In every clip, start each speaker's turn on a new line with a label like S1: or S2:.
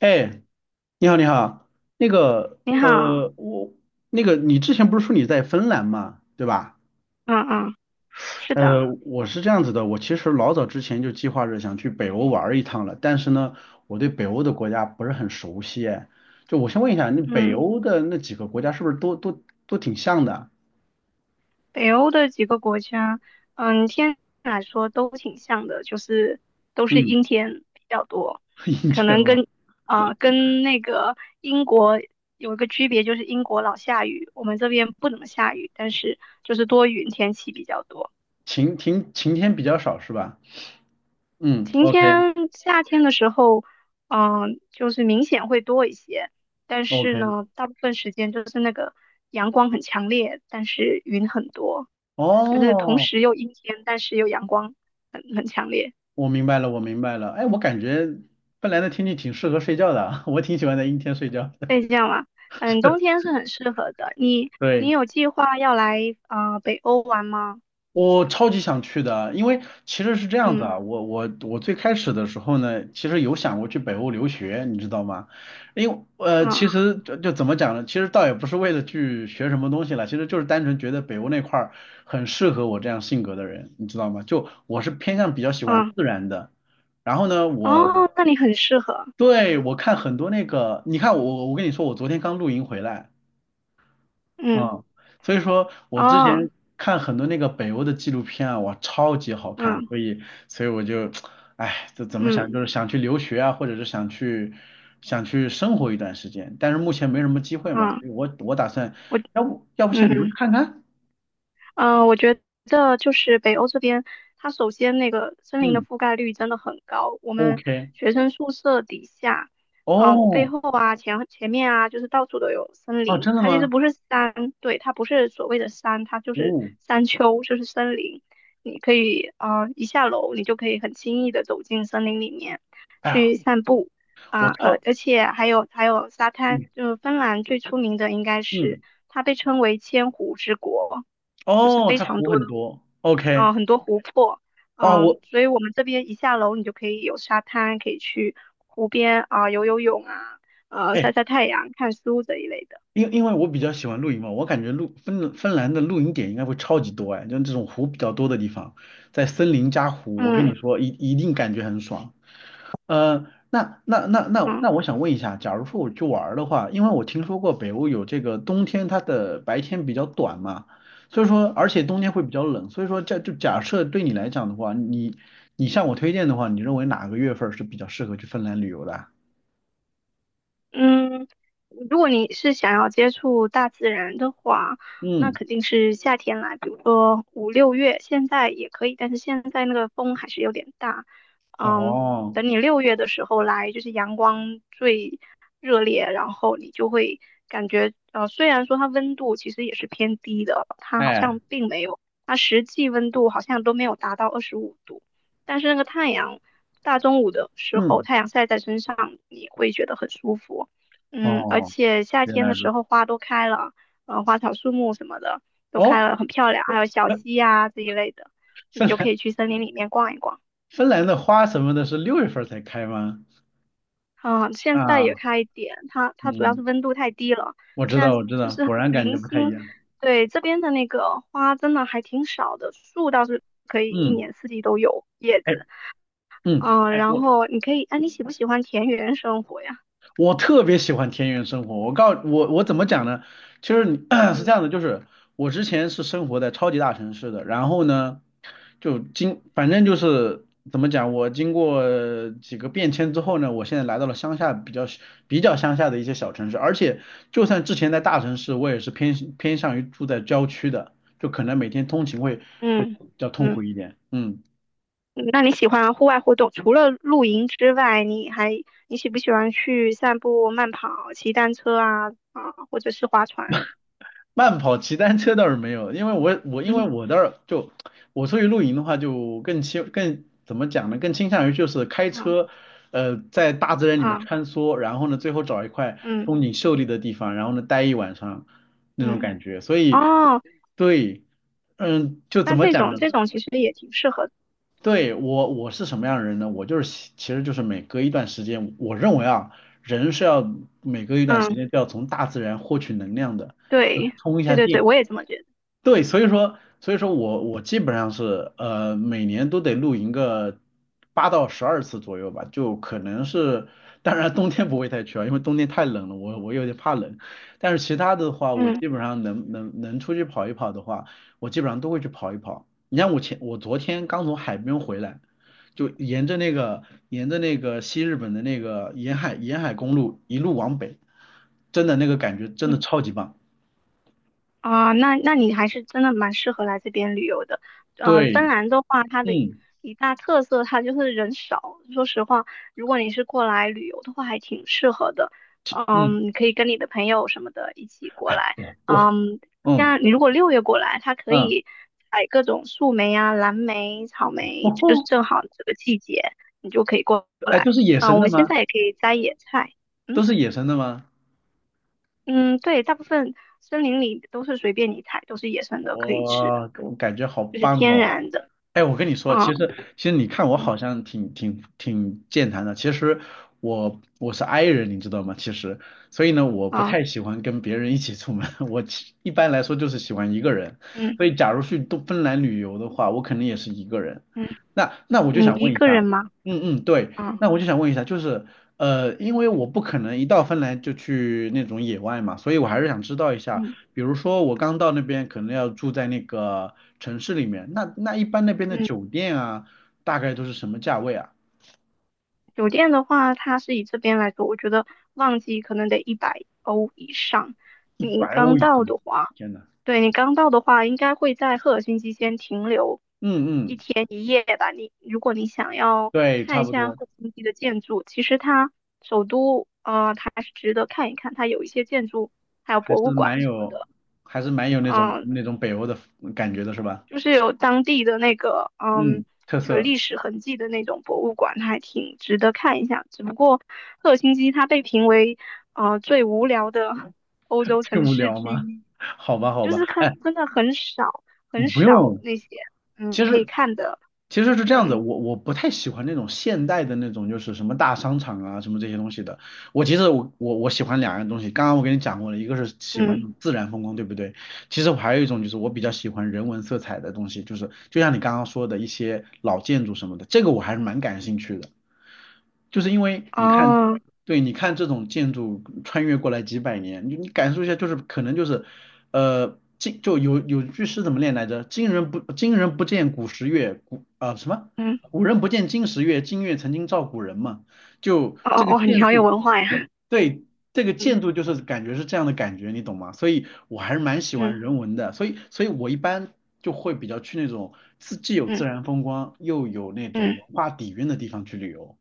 S1: 哎，你好，你好，那个，
S2: 你好，
S1: 呃，我那个，你之前不是说你在芬兰嘛，对吧？
S2: 嗯嗯，是的，
S1: 我是这样子的，我其实老早之前就计划着想去北欧玩儿一趟了，但是呢，我对北欧的国家不是很熟悉，哎，就我先问一下，那北
S2: 嗯，
S1: 欧的那几个国家是不是都挺像的？
S2: 北欧的几个国家，天气来说都挺像的，就是都是
S1: 嗯，
S2: 阴天比较多，
S1: 阴
S2: 可
S1: 天
S2: 能
S1: 吗？
S2: 跟那个英国有一个区别，就是英国老下雨，我们这边不怎么下雨，但是就是多云天气比较多。
S1: 晴天比较少是吧？嗯
S2: 晴
S1: ，OK
S2: 天，夏天的时候，就是明显会多一些，但是
S1: OK，
S2: 呢，大部分时间就是那个阳光很强烈，但是云很多，就是同
S1: 哦。
S2: 时又阴天，但是又阳光很强烈，
S1: 我明白了，我明白了。哎，我感觉本来的天气挺适合睡觉的啊 我挺喜欢在阴天睡觉
S2: 可
S1: 的。
S2: 以这样吗？嗯，冬天是很适合的。你
S1: 对。
S2: 有计划要来北欧玩吗？
S1: 我超级想去的啊，因为其实是这样的，啊，
S2: 嗯
S1: 我最开始的时候呢，其实有想过去北欧留学，你知道吗？因为其
S2: 嗯
S1: 实就怎么讲呢，其实倒也不是为了去学什么东西了，其实就是单纯觉得北欧那块儿很适合我这样性格的人，你知道吗？就我是偏向比较喜欢
S2: 嗯，
S1: 自然的，然后呢，
S2: 哦，那你很适合。
S1: 对，我看很多那个，你看，我跟你说，我昨天刚露营回来。
S2: 嗯
S1: 嗯，所以说我之前
S2: 哦
S1: 看很多那个北欧的纪录片啊，哇，超级好看，
S2: 嗯
S1: 所以我就，哎，这怎么想，
S2: 嗯
S1: 就是想去留学啊，或者是想去生活一段时间，但是目前没什么机会嘛，所
S2: 嗯，
S1: 以我打算，
S2: 我
S1: 要不
S2: 嗯
S1: 先旅游去
S2: 嗯。
S1: 看看？
S2: 嗯，我觉得就是北欧这边，它首先那个森林的
S1: 嗯
S2: 覆盖率真的很高。我们
S1: ，OK，
S2: 学生宿舍底下，背
S1: 哦
S2: 后啊、前面啊，就是到处都有森
S1: 哦，
S2: 林。
S1: 真的
S2: 它其实
S1: 吗？
S2: 不是山，对，它不是所谓的山，它就是
S1: 哦，
S2: 山丘，就是森林。你可以一下楼你就可以很轻易的走进森林里面
S1: 哎呀，
S2: 去散步
S1: 我
S2: 啊，
S1: 超，
S2: 而且还有沙滩，
S1: 嗯
S2: 就是芬兰最出名的应该是
S1: 嗯，
S2: 它被称为千湖之国。就是
S1: 哦，
S2: 非
S1: 它
S2: 常
S1: 湖
S2: 多
S1: 很
S2: 的，
S1: 多，OK，
S2: 很多湖泊，
S1: 哦，
S2: 所以我们这边一下楼，你就可以有沙滩，可以去湖边啊、游游泳啊，晒
S1: 哎。
S2: 晒太阳、看书这一类的。
S1: 因为我比较喜欢露营嘛，我感觉芬兰的露营点应该会超级多哎，就是这种湖比较多的地方，在森林加湖，我跟你
S2: 嗯
S1: 说一定感觉很爽。呃，那那那那
S2: 嗯，
S1: 那我想问一下，假如说我去玩儿的话，因为我听说过北欧有这个冬天它的白天比较短嘛，所以说而且冬天会比较冷，所以说这就假设对你来讲的话，你向我推荐的话，你认为哪个月份儿是比较适合去芬兰旅游的啊？
S2: 嗯，如果你是想要接触大自然的话，那
S1: 嗯，
S2: 肯定是夏天来，比如说5、6月，现在也可以，但是现在那个风还是有点大。嗯，
S1: 哦，
S2: 等你六月的时候来，就是阳光最热烈，然后你就会感觉，虽然说它温度其实也是偏低的，它好
S1: 哎，
S2: 像并没有，它实际温度好像都没有达到25度，但是那个太阳。大中午的时候，
S1: 嗯，
S2: 太阳晒在身上，你会觉得很舒服。嗯，而
S1: 哦。
S2: 且夏
S1: 原
S2: 天
S1: 来
S2: 的
S1: 如
S2: 时
S1: 此。
S2: 候花都开了，花草树木什么的都开
S1: 哦，
S2: 了，很漂亮，还有小
S1: 芬
S2: 溪呀、这一类的，你
S1: 芬
S2: 就可
S1: 兰
S2: 以去森林里面逛一逛。
S1: 芬兰的花什么的是六月份儿才开吗？
S2: 嗯，现在也
S1: 啊，
S2: 开一点，它主要
S1: 嗯，
S2: 是温度太低了，
S1: 我知
S2: 现
S1: 道，
S2: 在
S1: 我知
S2: 就
S1: 道，
S2: 是
S1: 果然感觉
S2: 零
S1: 不太一
S2: 星。
S1: 样。
S2: 对，这边的那个花真的还挺少的，树倒是可以一
S1: 嗯，
S2: 年四季都有叶
S1: 哎，
S2: 子。
S1: 嗯，哎，
S2: 然
S1: 我
S2: 后你可以，哎、你喜不喜欢田园生活呀？
S1: 我特别喜欢田园生活。我告我我怎么讲呢？其实你 是这
S2: 嗯
S1: 样的，就是我之前是生活在超级大城市的，然后呢，反正就是怎么讲，我经过几个变迁之后呢，我现在来到了乡下比较乡下的一些小城市，而且就算之前在大城市，我也是偏向于住在郊区的，就可能每天通勤会比
S2: 嗯
S1: 较痛
S2: 嗯。
S1: 苦一点。嗯。
S2: 嗯，那你喜欢户外活动，除了露营之外，你喜不喜欢去散步、慢跑、骑单车啊，或者是划船？
S1: 慢跑、骑单车倒是没有，因为我我因为
S2: 嗯
S1: 我倒是就我出去露营的话，就更怎么讲呢？更倾向于就是开车，
S2: 啊
S1: 呃，在大自然里
S2: 啊
S1: 面穿梭，然后呢，最后找一块
S2: 嗯
S1: 风景秀丽的地方，然后呢，待一晚上那种
S2: 嗯
S1: 感觉。所以，
S2: 哦，
S1: 对，嗯，就怎
S2: 那
S1: 么
S2: 这
S1: 讲
S2: 种
S1: 呢？
S2: 这种其实也挺适合的。
S1: 对，我是什么样的人呢？我就是喜其实就是每隔一段时间，我认为啊，人是要每隔一段时
S2: 嗯，
S1: 间就要从大自然获取能量的，要
S2: 对
S1: 充一
S2: 对
S1: 下
S2: 对对，
S1: 电。
S2: 我也这么觉得。
S1: 对，所以说，我基本上是每年都得露营个8到12次左右吧，就可能是，当然冬天不会太去啊，因为冬天太冷了，我有点怕冷。但是其他的话，我
S2: 嗯。
S1: 基本上能出去跑一跑的话，我基本上都会去跑一跑。你像我昨天刚从海边回来，就沿着那个西日本的那个沿海公路一路往北，真的那个感觉真
S2: 嗯
S1: 的超级棒。
S2: 啊，那你还是真的蛮适合来这边旅游的。芬
S1: 对，
S2: 兰的话，它的
S1: 嗯
S2: 一大特色它就是人少。说实话，如果你是过来旅游的话，还挺适合的。
S1: 嗯。
S2: 嗯，你可以跟你的朋友什么的一起 过
S1: 哎，
S2: 来。嗯，
S1: 嗯
S2: 像你如果六月过来，它可
S1: 嗯，
S2: 以采各种树莓啊、蓝莓、草莓，就是
S1: 哦，
S2: 正好这个季节，你就可以过。
S1: 哎，都是野
S2: 啊，
S1: 生
S2: 我
S1: 的
S2: 们现
S1: 吗？
S2: 在也可以摘野菜。
S1: 都
S2: 嗯
S1: 是野生的吗？
S2: 嗯，对，大部分森林里都是随便你采，都是野生的，可以吃的。
S1: 我感觉好
S2: 就是
S1: 棒
S2: 天
S1: 哦！
S2: 然的。
S1: 哎，我跟你说，其实
S2: 嗯
S1: 其实你看我好像挺健谈的，其实我是 i 人，你知道吗？其实，所以呢，我不
S2: 嗯
S1: 太喜欢跟别人一起出门，一般来说就是喜欢一个人。
S2: 嗯
S1: 所以，假如去东芬兰旅游的话，我肯定也是一个人。
S2: 嗯
S1: 那我就
S2: 嗯，
S1: 想
S2: 你一
S1: 问一
S2: 个
S1: 下，
S2: 人吗？
S1: 嗯嗯，对，
S2: 啊，
S1: 那我就想问一下，就是因为我不可能一到芬兰就去那种野外嘛，所以我还是想知道一下。
S2: 嗯
S1: 比如说我刚到那边，可能要住在那个城市里面，那一般那边的酒
S2: 嗯，
S1: 店啊，大概都是什么价位啊？
S2: 酒店的话，它是以这边来说，我觉得旺季可能得100欧以上。
S1: 一
S2: 你
S1: 百
S2: 刚
S1: 欧以
S2: 到
S1: 上，
S2: 的话，
S1: 天呐，
S2: 对你刚到的话，应该会在赫尔辛基先停留
S1: 嗯
S2: 一
S1: 嗯，
S2: 天一夜吧。如果你想要
S1: 对，
S2: 看
S1: 差
S2: 一
S1: 不
S2: 下
S1: 多，
S2: 赫尔辛基的建筑，其实它首都，它还是值得看一看，它有一些建筑，还有
S1: 还
S2: 博
S1: 是
S2: 物
S1: 蛮
S2: 馆什么的。
S1: 有，还是蛮有那种
S2: 嗯、
S1: 那种北欧的感觉的，是吧？
S2: 就是有当地的那个
S1: 嗯，特
S2: 就有
S1: 色，
S2: 历史痕迹的那种博物馆，还挺值得看一下。只不过赫尔辛基它被评为最无聊的 欧 洲
S1: 去
S2: 城
S1: 无
S2: 市
S1: 聊
S2: 之
S1: 吗？
S2: 一，
S1: 好吧，好
S2: 就
S1: 吧，
S2: 是看
S1: 哎。
S2: 真的很少很
S1: 嗯，不
S2: 少
S1: 用，
S2: 那些
S1: 其
S2: 可以
S1: 实
S2: 看的，
S1: 其实是这样子，
S2: 嗯
S1: 我我不太喜欢那种现代的那种，就是什么大商场啊，什么这些东西的。其实我喜欢两样东西，刚刚我跟你讲过了，一个是喜欢
S2: 嗯
S1: 那种自然风光，对不对？其实我还有一种就是我比较喜欢人文色彩的东西，就是就像你刚刚说的一些老建筑什么的，这个我还是蛮感兴趣的。就是因为你看，
S2: 哦
S1: 对，你看这种建筑穿越过来几百年，你感受一下，就是可能就是，呃，有句诗怎么念来着？今人不见古时月，古啊、什么？
S2: 嗯
S1: 古人不见今时月，今月曾经照古人嘛。就
S2: 哦
S1: 这个
S2: 哦哦，你
S1: 建
S2: 好有
S1: 筑，
S2: 文化呀，
S1: 对，这个
S2: 嗯
S1: 建筑就是感觉是这样的感觉，你懂吗？所以我还是蛮喜欢
S2: 嗯
S1: 人文的，所以我一般就会比较去那种既有自
S2: 嗯
S1: 然风光又有那种
S2: 嗯
S1: 文化底蕴的地方去旅游。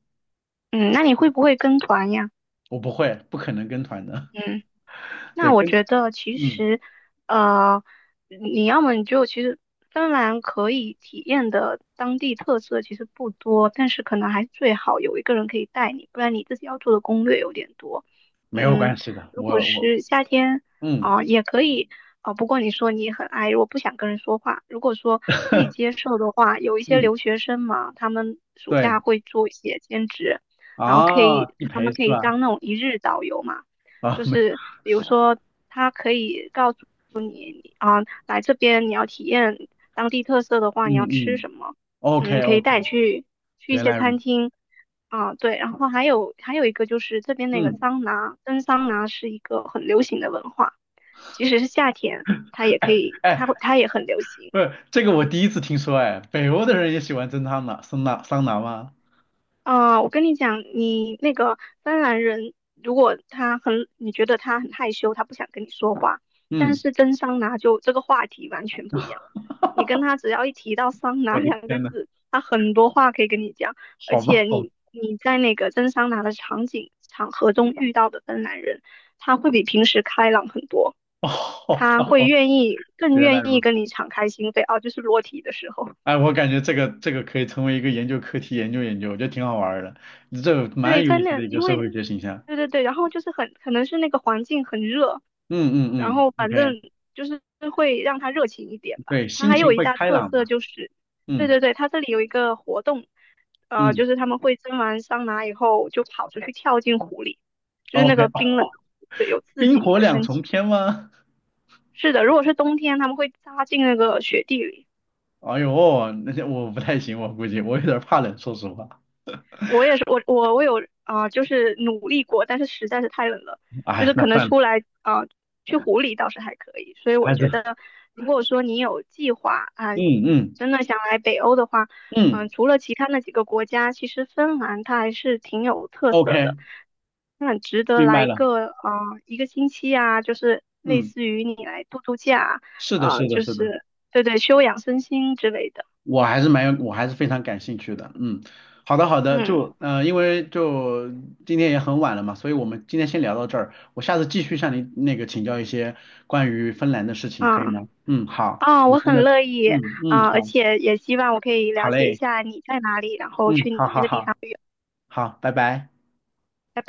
S2: 嗯，那你会不会跟团呀？
S1: 我不会，不可能跟团的。
S2: 嗯。那
S1: 对，
S2: 我觉得其
S1: 嗯，
S2: 实，呃，你要么你就其实芬兰可以体验的当地特色其实不多，但是可能还是最好有一个人可以带你，不然你自己要做的攻略有点多。
S1: 没有
S2: 嗯，
S1: 关系的。
S2: 如果
S1: 我
S2: 是夏天
S1: 嗯
S2: 啊，也可以啊，不过你说你很爱，如果不想跟人说话，如果说可以 接受的话，有一些
S1: 嗯，
S2: 留学生嘛，他们暑
S1: 对
S2: 假会做一些兼职，然后
S1: 啊，地
S2: 他们
S1: 陪是
S2: 可以
S1: 吧？
S2: 当那种一日导游嘛。
S1: 啊
S2: 就
S1: 没
S2: 是比如说，他可以告诉你啊，来这边你要体验当地特色的话，
S1: 嗯
S2: 你要吃
S1: 嗯
S2: 什么，
S1: ，OK
S2: 可以
S1: OK，
S2: 带你去一
S1: 原
S2: 些
S1: 来如
S2: 餐
S1: 此。
S2: 厅啊，对，然后还有一个就是这边那个
S1: 嗯，
S2: 桑拿，蒸桑拿是一个很流行的文化，即使是夏天，它也可以，
S1: 哎，
S2: 它也很流行，
S1: 不是这个我第一次听说，哎，北欧的人也喜欢蒸桑拿吗？
S2: 啊，我跟你讲，你那个芬兰人，如果他很，你觉得他很害羞，他不想跟你说话，但
S1: 嗯，
S2: 是跟桑拿就这个话题完全不一样。你跟他只要一提到桑拿
S1: 我的
S2: 两个
S1: 天呐，
S2: 字，他很多话可以跟你讲，而
S1: 好
S2: 且
S1: 吧好吧
S2: 你在那个蒸桑拿的场景场合中遇到的芬兰人，他会比平时开朗很多，
S1: 好
S2: 他
S1: 吧
S2: 会
S1: 好吧。
S2: 更
S1: 原来
S2: 愿意
S1: 如此。
S2: 跟你敞开心扉啊，就是裸体的时候。
S1: 哎，我感觉这个可以成为一个研究课题，研究研究，我觉得挺好玩儿的，这蛮
S2: 对，
S1: 有
S2: 在
S1: 意思的
S2: 那，
S1: 一个
S2: 因
S1: 社
S2: 为，
S1: 会学形象。
S2: 对对对，然后就是很可能是那个环境很热，
S1: 嗯
S2: 然
S1: 嗯
S2: 后
S1: 嗯
S2: 反正
S1: ，OK，
S2: 就是会让他热情一点吧。
S1: 对，
S2: 它
S1: 心
S2: 还有
S1: 情
S2: 一
S1: 会
S2: 大
S1: 开
S2: 特
S1: 朗
S2: 色
S1: 嘛，
S2: 就是，对
S1: 嗯
S2: 对对，它这里有一个活动，
S1: 嗯
S2: 就是他们会蒸完桑拿以后就跑出去跳进湖里，就是那
S1: ，OK，
S2: 个冰
S1: 哦，
S2: 冷的湖水有刺
S1: 冰
S2: 激你
S1: 火
S2: 的
S1: 两
S2: 身
S1: 重
S2: 体。
S1: 天吗？
S2: 是的，如果是冬天，他们会扎进那个雪地里。
S1: 哎呦，那些我不太行，我估计我有点儿怕冷，说实话。
S2: 我也是，我有就是努力过，但是实在是太冷了，就
S1: 哎，
S2: 是
S1: 那
S2: 可能
S1: 算了，
S2: 出来去湖里倒是还可以，所以我
S1: 孩
S2: 觉
S1: 子，
S2: 得，如果说你有计划啊、
S1: 嗯嗯
S2: 真的想来北欧的话，
S1: 嗯
S2: 除了其他那几个国家，其实芬兰它还是挺有特色
S1: ，OK，
S2: 的，很值得
S1: 明白
S2: 来
S1: 了，
S2: 个一个星期啊，就是类
S1: 嗯，
S2: 似于你来度度假
S1: 是的，
S2: 啊，
S1: 是的，
S2: 就
S1: 是的。
S2: 是对对，休养身心之类的，
S1: 我还是蛮有，我还是非常感兴趣的。嗯，好的好的，
S2: 嗯
S1: 就因为就今天也很晚了嘛，所以我们今天先聊到这儿。我下次继续向您那个请教一些关于芬兰的事情，可以
S2: 啊。
S1: 吗？嗯，好，
S2: 啊，
S1: 你
S2: 我
S1: 真
S2: 很
S1: 的，
S2: 乐意
S1: 嗯嗯，
S2: 啊，而
S1: 好，
S2: 且也希望我可以
S1: 好
S2: 了解一
S1: 嘞，
S2: 下你在哪里，然后去
S1: 嗯，好
S2: 你那
S1: 好
S2: 个地方
S1: 好，
S2: 旅游。
S1: 好，拜拜。
S2: 拜拜。